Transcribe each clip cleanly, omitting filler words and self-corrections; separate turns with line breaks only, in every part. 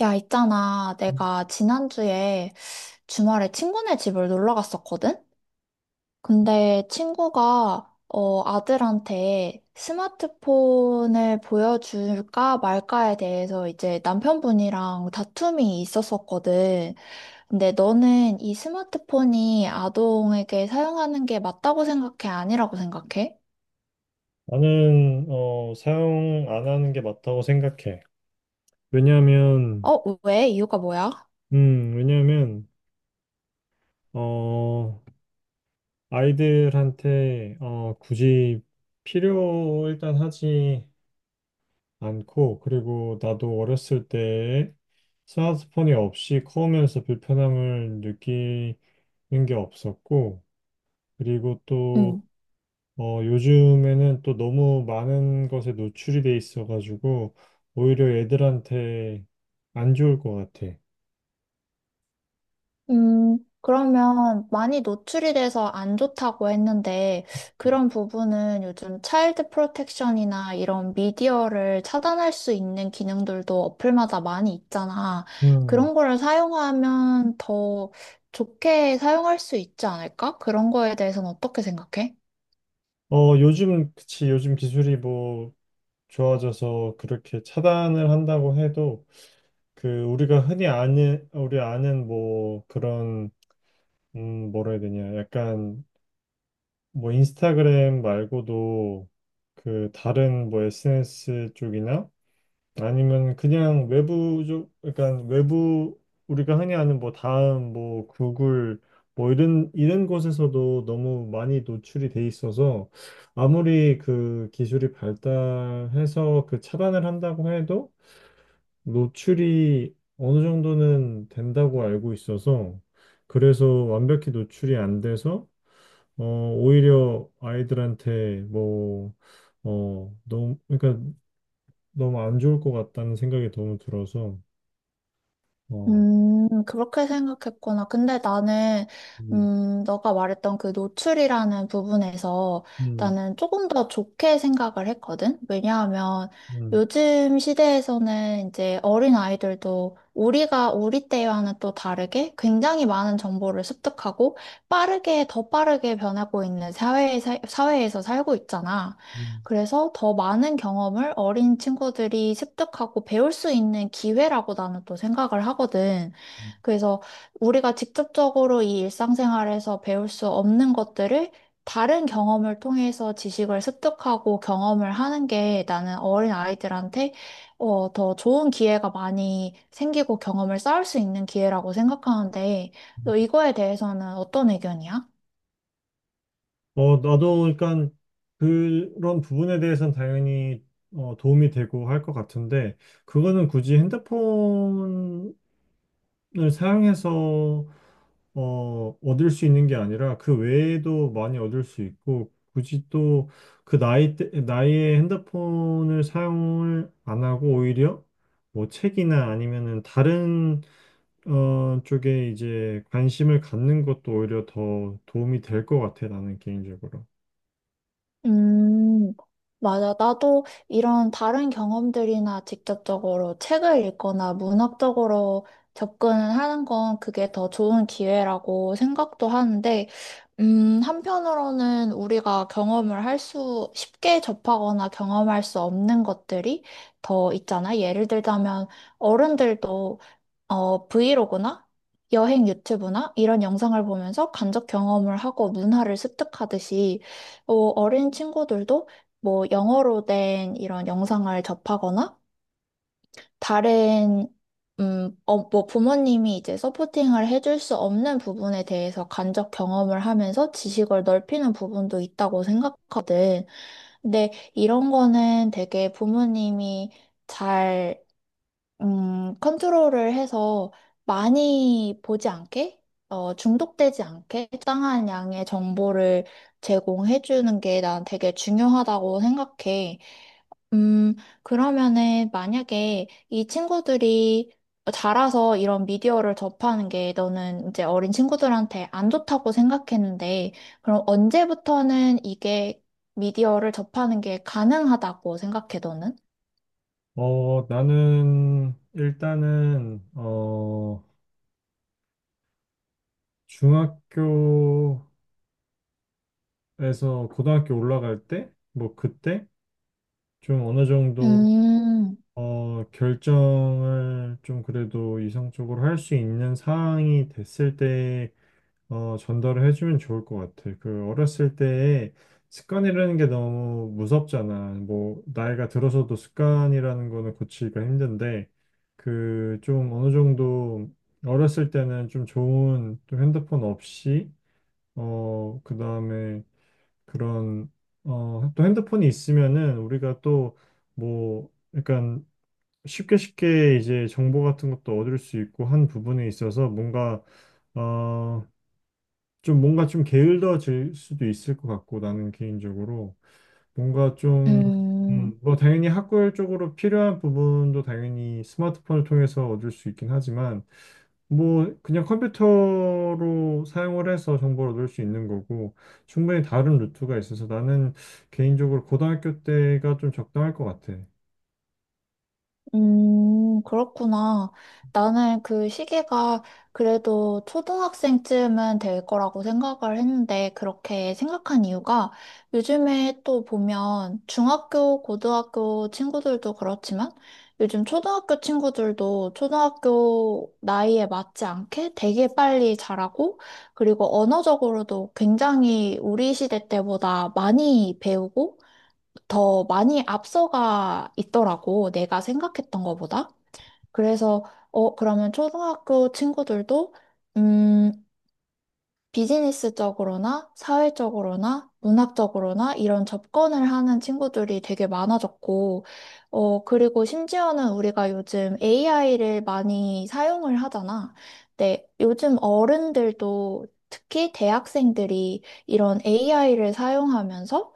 야, 있잖아. 내가 지난주에 주말에 친구네 집을 놀러 갔었거든? 근데 친구가, 아들한테 스마트폰을 보여줄까 말까에 대해서 이제 남편분이랑 다툼이 있었었거든. 근데 너는 이 스마트폰이 아동에게 사용하는 게 맞다고 생각해? 아니라고 생각해?
나는 사용 안 하는 게 맞다고 생각해. 왜냐하면,
어, 왜? 이유가 뭐야?
왜냐하면 어, 아이들한테 굳이 필요 일단 하지 않고, 그리고 나도 어렸을 때 스마트폰이 없이 커오면서 불편함을 느끼는 게 없었고, 그리고
응.
요즘에는 또 너무 많은 것에 노출이 돼 있어가지고 오히려 애들한테 안 좋을 것 같아.
그러면 많이 노출이 돼서 안 좋다고 했는데 그런 부분은 요즘 차일드 프로텍션이나 이런 미디어를 차단할 수 있는 기능들도 어플마다 많이 있잖아.
음.
그런 거를 사용하면 더 좋게 사용할 수 있지 않을까? 그런 거에 대해서는 어떻게 생각해?
요즘, 그치, 요즘 기술이 뭐 좋아져서 그렇게 차단을 한다고 해도 그 우리가 흔히 아는, 우리 아는 뭐 그런, 뭐라 해야 되냐. 약간 뭐 인스타그램 말고도 그 다른 뭐 SNS 쪽이나 아니면 그냥 외부적, 그러니까 외부 우리가 흔히 아는 뭐 다음, 뭐 구글, 뭐 이런 곳에서도 너무 많이 노출이 돼 있어서 아무리 그 기술이 발달해서 그 차단을 한다고 해도 노출이 어느 정도는 된다고 알고 있어서 그래서 완벽히 노출이 안 돼서 오히려 아이들한테 뭐 너무 그러니까 너무 안 좋을 것 같다는 생각이 너무 들어서 어,
그렇게 생각했구나. 근데 나는,
음,
너가 말했던 그 노출이라는 부분에서
음,
나는 조금 더 좋게 생각을 했거든? 왜냐하면
음,
요즘 시대에서는 이제 어린 아이들도 우리가, 우리 때와는 또 다르게 굉장히 많은 정보를 습득하고 빠르게, 더 빠르게 변하고 있는 사회에, 사회에서 살고 있잖아.
음,
그래서 더 많은 경험을 어린 친구들이 습득하고 배울 수 있는 기회라고 나는 또 생각을 하거든. 그래서 우리가 직접적으로 이 일상생활에서 배울 수 없는 것들을 다른 경험을 통해서 지식을 습득하고 경험을 하는 게 나는 어린 아이들한테 더 좋은 기회가 많이 생기고 경험을 쌓을 수 있는 기회라고 생각하는데,
음.
너 이거에 대해서는 어떤 의견이야?
나도 그러니까 그런 부분에 대해서는 당연히 도움이 되고 할 것 같은데 그거는 굳이 핸드폰을 사용해서 얻을 수 있는 게 아니라 그 외에도 많이 얻을 수 있고 굳이 또 그 나이 때 나이에 핸드폰을 사용을 안 하고 오히려 뭐 책이나 아니면은 다른 쪽에 이제 관심을 갖는 것도 오히려 더 도움이 될 것 같아, 나는 개인적으로.
음, 맞아. 나도 이런 다른 경험들이나 직접적으로 책을 읽거나 문학적으로 접근을 하는 건 그게 더 좋은 기회라고 생각도 하는데, 한편으로는 우리가 경험을 할 수, 쉽게 접하거나 경험할 수 없는 것들이 더 있잖아. 예를 들자면, 어른들도 브이로그나 여행 유튜브나 이런 영상을 보면서 간접 경험을 하고 문화를 습득하듯이 어린 친구들도 뭐 영어로 된 이런 영상을 접하거나 다른 뭐 부모님이 이제 서포팅을 해줄 수 없는 부분에 대해서 간접 경험을 하면서 지식을 넓히는 부분도 있다고 생각하거든. 근데 이런 거는 되게 부모님이 잘 컨트롤을 해서 많이 보지 않게, 중독되지 않게 적당한 양의 정보를 제공해 주는 게 난 되게 중요하다고 생각해. 음, 그러면은 만약에 이 친구들이 자라서 이런 미디어를 접하는 게 너는 이제 어린 친구들한테 안 좋다고 생각했는데, 그럼 언제부터는 이게 미디어를 접하는 게 가능하다고 생각해, 너는?
나는 일단은, 중학교에서 고등학교 올라갈 때, 뭐 그때 좀 어느 정도,
음,
결정을 좀 그래도 이성적으로 할 수 있는 상황이 됐을 때 전달을 해주면 좋을 것 같아. 그 어렸을 때에 습관이라는 게 너무 무섭잖아. 뭐 나이가 들어서도 습관이라는 거는 고치기가 힘든데 그 좀 어느 정도 어렸을 때는 좀 좋은 또 핸드폰 없이 그다음에 그런 또 핸드폰이 있으면은 우리가 또 뭐 약간 쉽게 이제 정보 같은 것도 얻을 수 있고 한 부분에 있어서 뭔가 어, 좀 뭔가 좀 게을러질 수도 있을 것 같고 나는 개인적으로 뭔가 좀
음.
뭐 당연히 학구열적으로 필요한 부분도 당연히 스마트폰을 통해서 얻을 수 있긴 하지만 뭐 그냥 컴퓨터로 사용을 해서 정보를 얻을 수 있는 거고 충분히 다른 루트가 있어서 나는 개인적으로 고등학교 때가 좀 적당할 것 같아.
그렇구나. 나는 그 시기가 그래도 초등학생쯤은 될 거라고 생각을 했는데, 그렇게 생각한 이유가 요즘에 또 보면 중학교, 고등학교 친구들도 그렇지만, 요즘 초등학교 친구들도 초등학교 나이에 맞지 않게 되게 빨리 자라고, 그리고 언어적으로도 굉장히 우리 시대 때보다 많이 배우고, 더 많이 앞서가 있더라고, 내가 생각했던 것보다. 그래서, 그러면 초등학교 친구들도, 음, 비즈니스적으로나 사회적으로나 문학적으로나 이런 접근을 하는 친구들이 되게 많아졌고, 그리고 심지어는 우리가 요즘 AI를 많이 사용을 하잖아. 네, 요즘 어른들도 특히 대학생들이 이런 AI를 사용하면서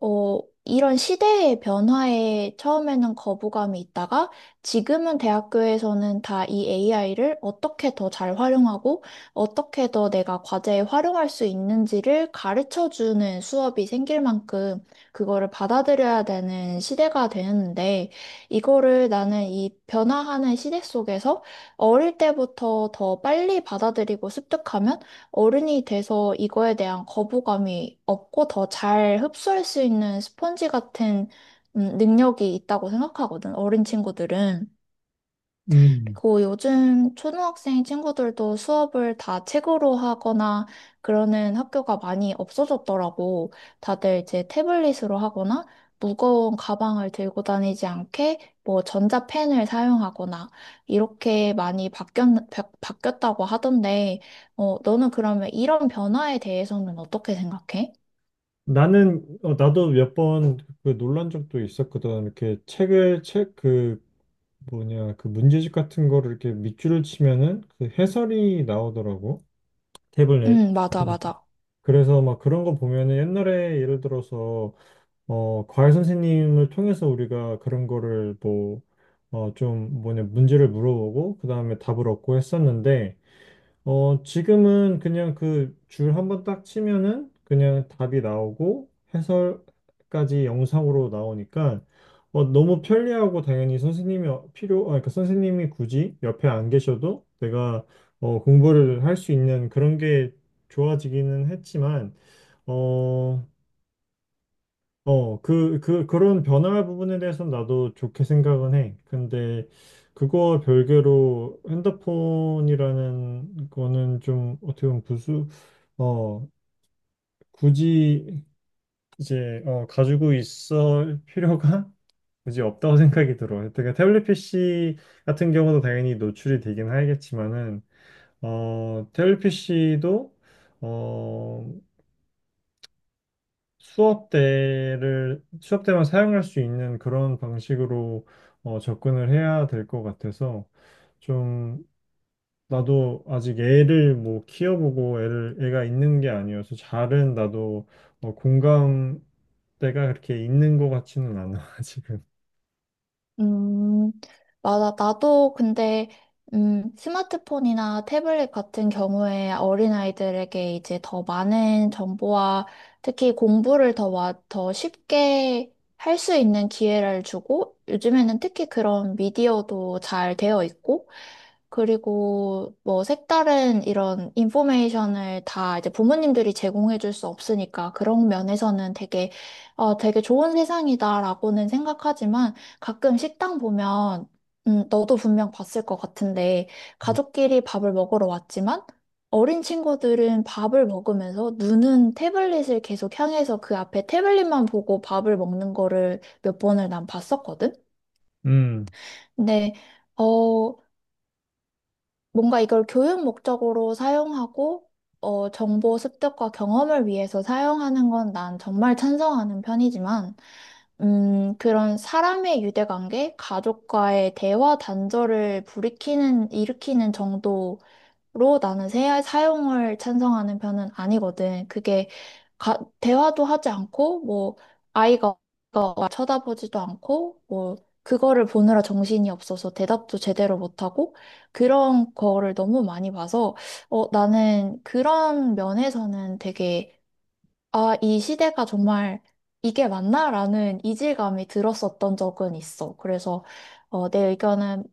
어, 이런 시대의 변화에 처음에는 거부감이 있다가 지금은 대학교에서는 다 이 AI를 어떻게 더 잘 활용하고 어떻게 더 내가 과제에 활용할 수 있는지를 가르쳐 주는 수업이 생길 만큼 그거를 받아들여야 되는 시대가 되는데 이거를 나는 이 변화하는 시대 속에서 어릴 때부터 더 빨리 받아들이고 습득하면 어른이 돼서 이거에 대한 거부감이 없고 더 잘 흡수할 수 있는 스펀지 같은 능력이 있다고 생각하거든, 어린 친구들은.
음.
그 요즘 초등학생 친구들도 수업을 다 책으로 하거나 그러는 학교가 많이 없어졌더라고. 다들 이제 태블릿으로 하거나 무거운 가방을 들고 다니지 않게 뭐 전자펜을 사용하거나 이렇게 많이 바뀌었다고 하던데, 어, 너는 그러면 이런 변화에 대해서는 어떻게 생각해?
나는 나도 몇 번 그 놀란 적도 있었거든. 이렇게 책을 책그 뭐냐 그 문제집 같은 거를 이렇게 밑줄을 치면은 그 해설이 나오더라고 탭을 내.
응, 맞아, 맞아.
그래서 막 그런 거 보면은 옛날에 예를 들어서 과외 선생님을 통해서 우리가 그런 거를 뭐 좀 뭐냐 문제를 물어보고 그 다음에 답을 얻고 했었는데 지금은 그냥 그 줄 한번 딱 치면은 그냥 답이 나오고 해설까지 영상으로 나오니까 너무 편리하고 당연히 선생님이 어- 필요, 아, 그러니까 선생님이 굳이 옆에 안 계셔도 내가 공부를 할 수 있는 그런 게 좋아지기는 했지만, 어, 그런 변화 부분에 대해서는 나도 좋게 생각은 해. 근데 그거 별개로 핸드폰이라는 거는 좀 어떻게 보면 어, 굳이 이제, 가지고 있을 필요가 굳이 없다고 생각이 들어. 그러니까 태블릿 PC 같은 경우도 당연히 노출이 되긴 하겠지만은, 태블릿 PC도 수업 때만 사용할 수 있는 그런 방식으로 접근을 해야 될 것 같아서 좀 나도 아직 애를 뭐 키워보고 애를 애가 있는 게 아니어서 잘은 나도 공감대가 그렇게 있는 것 같지는 않아 지금.
음, 맞아. 나도 근데, 스마트폰이나 태블릿 같은 경우에 어린아이들에게 이제 더 많은 정보와 특히 공부를 더, 와, 더 쉽게 할 수 있는 기회를 주고, 요즘에는 특히 그런 미디어도 잘 되어 있고, 그리고 뭐 색다른 이런 인포메이션을 다 이제 부모님들이 제공해 줄 수 없으니까 그런 면에서는 되게, 되게 좋은 세상이다라고는 생각하지만, 가끔 식당 보면, 너도 분명 봤을 것 같은데, 가족끼리 밥을 먹으러 왔지만, 어린 친구들은 밥을 먹으면서 눈은 태블릿을 계속 향해서 그 앞에 태블릿만 보고 밥을 먹는 거를 몇 번을 난 봤었거든?
음,
근데, 어, 뭔가 이걸 교육 목적으로 사용하고, 정보 습득과 경험을 위해서 사용하는 건 난 정말 찬성하는 편이지만, 그런 사람의 유대관계, 가족과의 대화 단절을 일으키는 정도 로 나는 사용을 찬성하는 편은 아니거든. 그게 대화도 하지 않고 뭐 아이가 아이가 쳐다보지도 않고 뭐 그거를 보느라 정신이 없어서 대답도 제대로 못하고 그런 거를 너무 많이 봐서 어 나는 그런 면에서는 되게 아 이 시대가 정말 이게 맞나라는 이질감이 들었었던 적은 있어. 그래서 내 의견은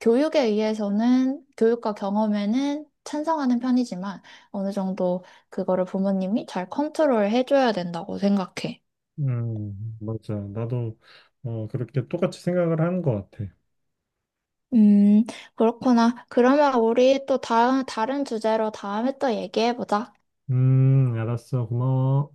교육에 의해서는 교육과 경험에는 찬성하는 편이지만 어느 정도 그거를 부모님이 잘 컨트롤 해줘야 된다고 생각해.
맞아. 나도 그렇게 똑같이 생각을 하는 것 같아.
음, 그렇구나. 그러면 우리 또 다음, 다른 주제로 다음에 또 얘기해보자.
알았어. 고마워.